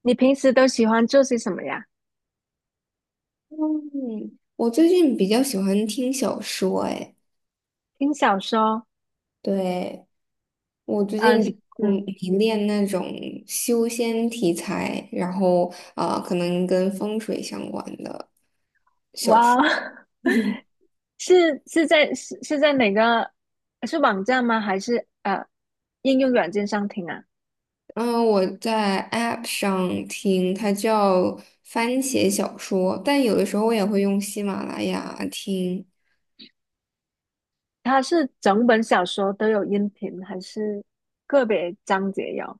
你平时都喜欢做些什么呀？嗯，我最近比较喜欢听小说，哎，听小说，对，我最呃，近是比较嗯，迷恋那种修仙题材，然后可能跟风水相关的。哇哦，是是在是是在哪个是网站吗？还是应用软件上听啊？嗯，我在 App 上听，它叫番茄小说，但有的时候我也会用喜马拉雅听。它是整本小说都有音频，还是个别章节有？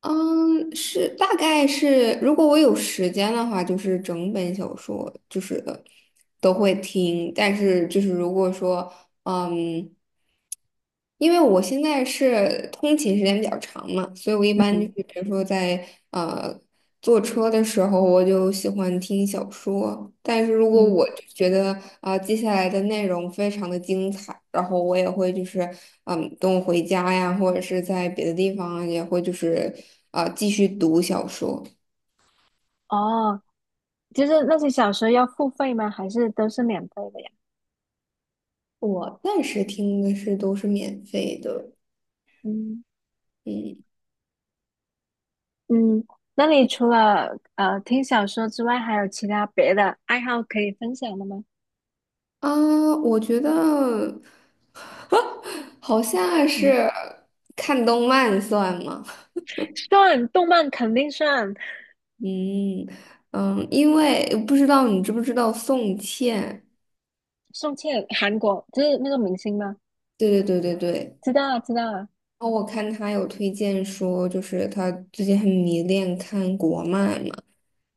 嗯，是大概是，如果我有时间的话，就是整本小说就是都会听，但是就是如果说，嗯。因为我现在是通勤时间比较长嘛，所以我一般就嗯。是比如说在坐车的时候，我就喜欢听小说。但是如果嗯。我就觉得接下来的内容非常的精彩，然后我也会就是嗯等我回家呀，或者是在别的地方啊也会就是继续读小说。哦，就是那些小说要付费吗？还是都是免费的呀？我暂时听的是都是免费的，嗯。嗯。嗯。那你除了听小说之外，还有其他别的爱好可以分享的吗？啊，我觉得 好像嗯。是看动漫算吗？算，动漫肯定算。嗯嗯，因为不知道你知不知道宋茜？宋茜，韩国就是那个明星吗？对对对对对。知道啊，知道啊。然后我看她有推荐说，就是她最近很迷恋看国漫嘛，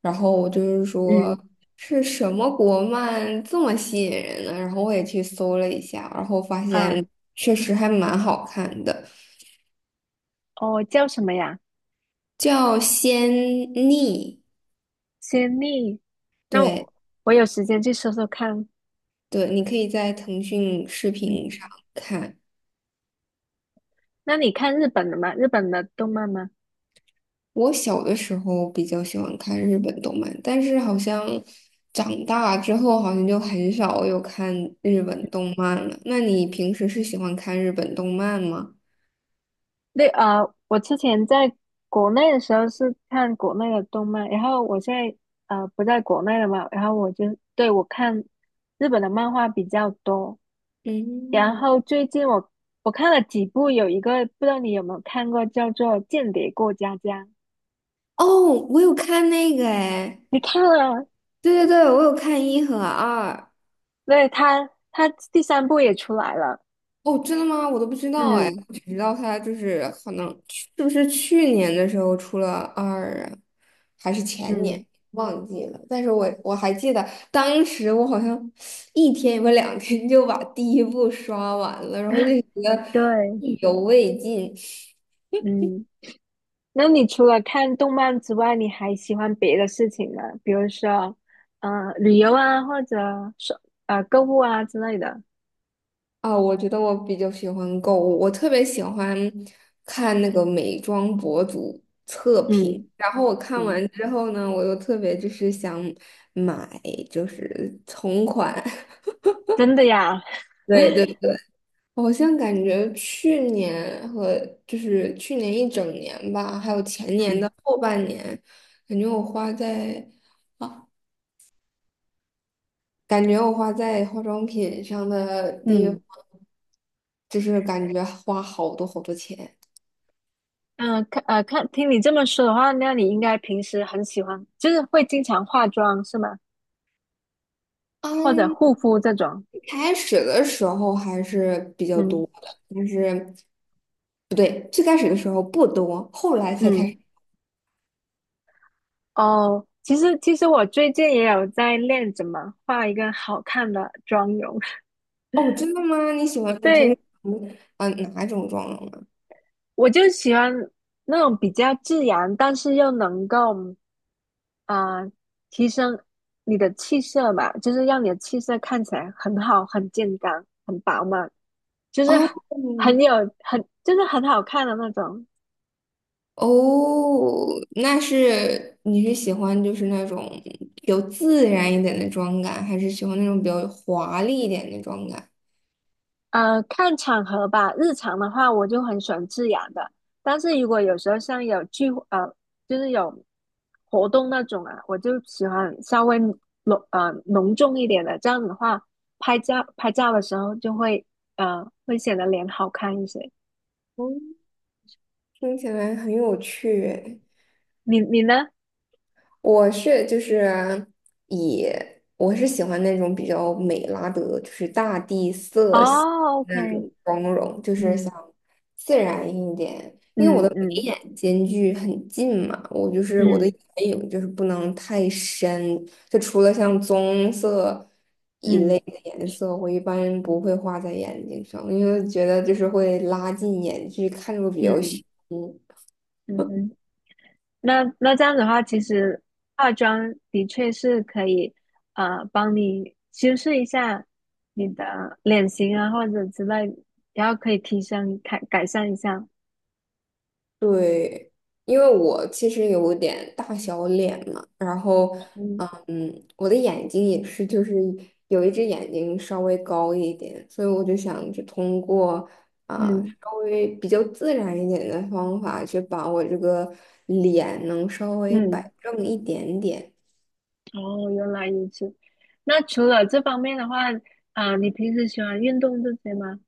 然后我就是说嗯。是什么国漫这么吸引人呢？然后我也去搜了一下，然后发啊。现确实还蛮好看的，哦，叫什么呀？叫《仙逆》。仙丽。那对我我有时间去搜搜看。对，你可以在腾讯视频上嗯。看。那你看日本的吗？日本的动漫吗？我小的时候比较喜欢看日本动漫，但是好像长大之后好像就很少有看日本动漫了。那你平时是喜欢看日本动漫吗？那啊，我之前在国内的时候是看国内的动漫，然后我现在不在国内了嘛，然后我就对我看日本的漫画比较多。然嗯，后最近我看了几部，有一个不知道你有没有看过，叫做《间谍过家家》，哦，我有看那个哎，你看了？对对对，我有看一和二。对，他第三部也出来了。哦，真的吗？我都不知道哎，嗯。我只知道他就是可能是不是去年的时候出了二啊，还是前年嗯。忘记了。但是我还记得当时我好像一天或两天就把第一部刷完了，然后就觉得对。意犹未尽。嗯。那你除了看动漫之外，你还喜欢别的事情吗？比如说，呃，旅游啊，或者说购物啊之类的。啊，我觉得我比较喜欢购物，我特别喜欢看那个美妆博主测评，嗯。然后我看嗯，完之后呢，我又特别就是想买，就是同款。真的呀。对对 对，好像感觉去年和就是去年一整年吧，还有前年嗯。的后半年，感觉我花在感觉我花在化妆品上的地方，嗯。就是感觉花好多好多钱。嗯，看，听你这么说的话，那你应该平时很喜欢，就是会经常化妆是吗？或者嗯。护肤这种？开始的时候还是比较嗯。多的，但是不对，最开始的时候不多，后来才开始。嗯，哦，其实其实我最近也有在练怎么画一个好看的妆容。哦，真的吗？你喜欢你平对，时嗯、呃哪种妆容啊？我就喜欢那种比较自然，但是又能够啊呃提升你的气色吧，就是让你的气色看起来很好、很健康、很饱满，就是哦很有很就是很好看的那种。哦，那是你是喜欢就是那种比较自然一点的妆感，还是喜欢那种比较华丽一点的妆感？呃，看场合吧。日常的话，我就很喜欢自然的。但是如果有时候像有聚会，就是有活动那种啊，我就喜欢稍微浓重一点的。这样子的话，拍照的时候就会显得脸好看一些。哦，听起来很有趣诶你你呢？我是就是以我是喜欢那种比较美拉德，就是大地色系哦那，OK。种妆容，就是嗯。想自然一点。因为我嗯。的眉嗯。眼间距很近嘛，我就是我的嗯。眼影就是不能太深，就除了像棕色一类嗯。的颜色，我一般不会画在眼睛上，因为觉得就是会拉近眼距，看着会比嗯。较凶。嗯。嗯哼。那那这样子的话，其实化妆的确是可以，呃，帮你修饰一下你的脸型啊，或者之类，然后可以提升改改善一下。对，因为我其实有点大小脸嘛，然后，嗯。嗯，我的眼睛也是，就是有一只眼睛稍微高一点，所以我就想就通过嗯。稍微比较自然一点的方法，去把我这个脸能稍微嗯，摆正一点点。哦，原来如此。那除了这方面的话，啊、你平时喜欢运动这些吗？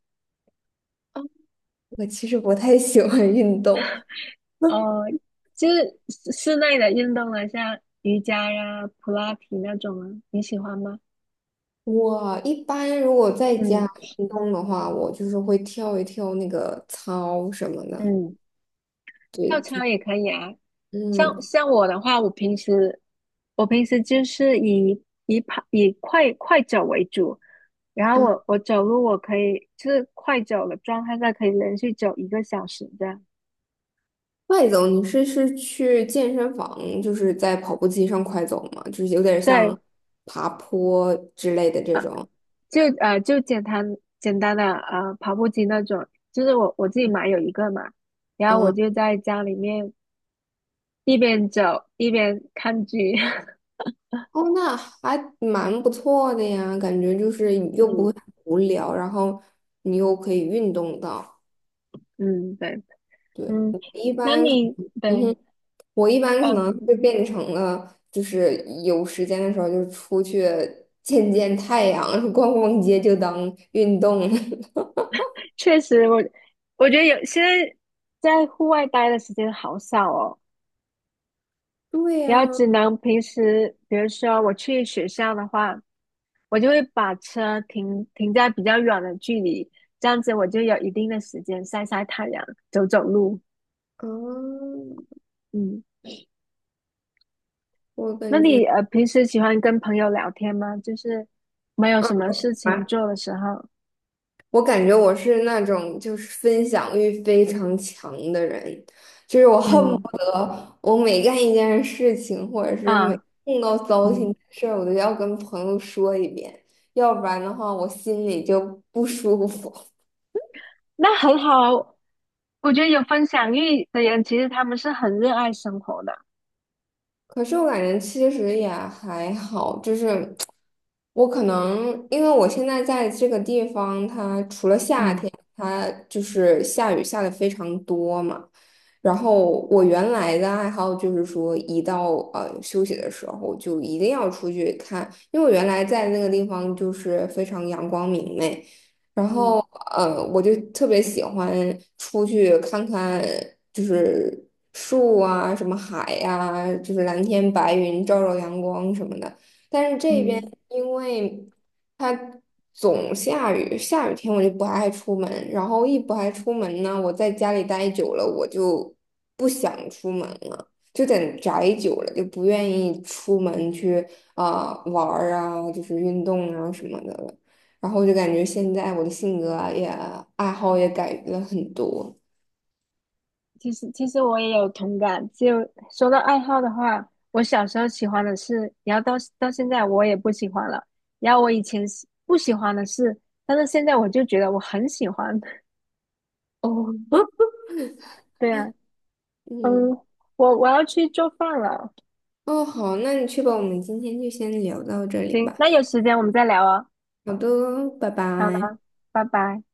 我其实不太喜欢运动，哦，就是室内的运动啊，像瑜伽呀、普拉提那种啊，你喜欢吗？我一般如果在家嗯。运动的话，我就是会跳一跳那个操什么的，嗯。跳对，就操也可以啊。嗯。像我的话，我平时就是以快快走为主，然后我走路我可以就是快走的状态下可以连续走一个小时这样。快走，你是是去健身房，就是在跑步机上快走吗？就是有点对，像爬坡之类的这种。就简单的跑步机那种，就是我自己买有一个嘛，然后我嗯，就在家里面一边走一边看剧，哦，那还蛮不错的呀，感觉就是又不会嗯。很无聊，然后你又可以运动到。嗯，对。对，嗯。那你嗯对。哼，我一般可能嗯。会变成了，就是有时间的时候就出去 见见太阳，逛逛街就当运动了。确实我觉得现在在户外待的时间好少哦。对然后呀，只能平时，比如说我去学校的话，我就会把车停在比较远的距离，这样子我就有一定的时间晒晒太阳、走走路。嗯，嗯，我那感你觉。平时喜欢跟朋友聊天吗？就是没有什么事情做的时候，我感觉我是那种就是分享欲非常强的人，就是我恨嗯。不得我每干一件事情，或者是每啊。碰到糟心嗯。的事儿，我都要跟朋友说一遍，要不然的话我心里就不舒服。那很好啊，我觉得有分享欲的人，其实他们是很热爱生活的。可是我感觉其实也还好，就是我可能因为我现在在这个地方，它除了夏嗯。天，它就是下雨下的非常多嘛。然后我原来的爱好就是说，一到休息的时候，就一定要出去看，因为我原来在那个地方就是非常阳光明媚，然后嗯。我就特别喜欢出去看看，就是树啊，什么海呀、就是蓝天白云、照照阳光什么的。但是这边嗯，因为它总下雨，下雨天我就不爱出门，然后一不爱出门呢，我在家里待久了，我就不想出门了。就在宅久了，就不愿意出门去玩儿啊，就是运动啊什么的了。然后我就感觉现在我的性格啊也爱好也改变了很多。其实其实我也有同感。就说到爱好的话，我小时候喜欢的是，然后到现在我也不喜欢了。然后我以前喜不喜欢的是，但是现在我就觉得我很喜欢。哦，对啊。嗯，嗯，我我要去做饭了。哦，好，那你去吧，我们今天就先聊到这里行，吧。那有时间我们再聊啊。好的，拜好拜。的，拜拜。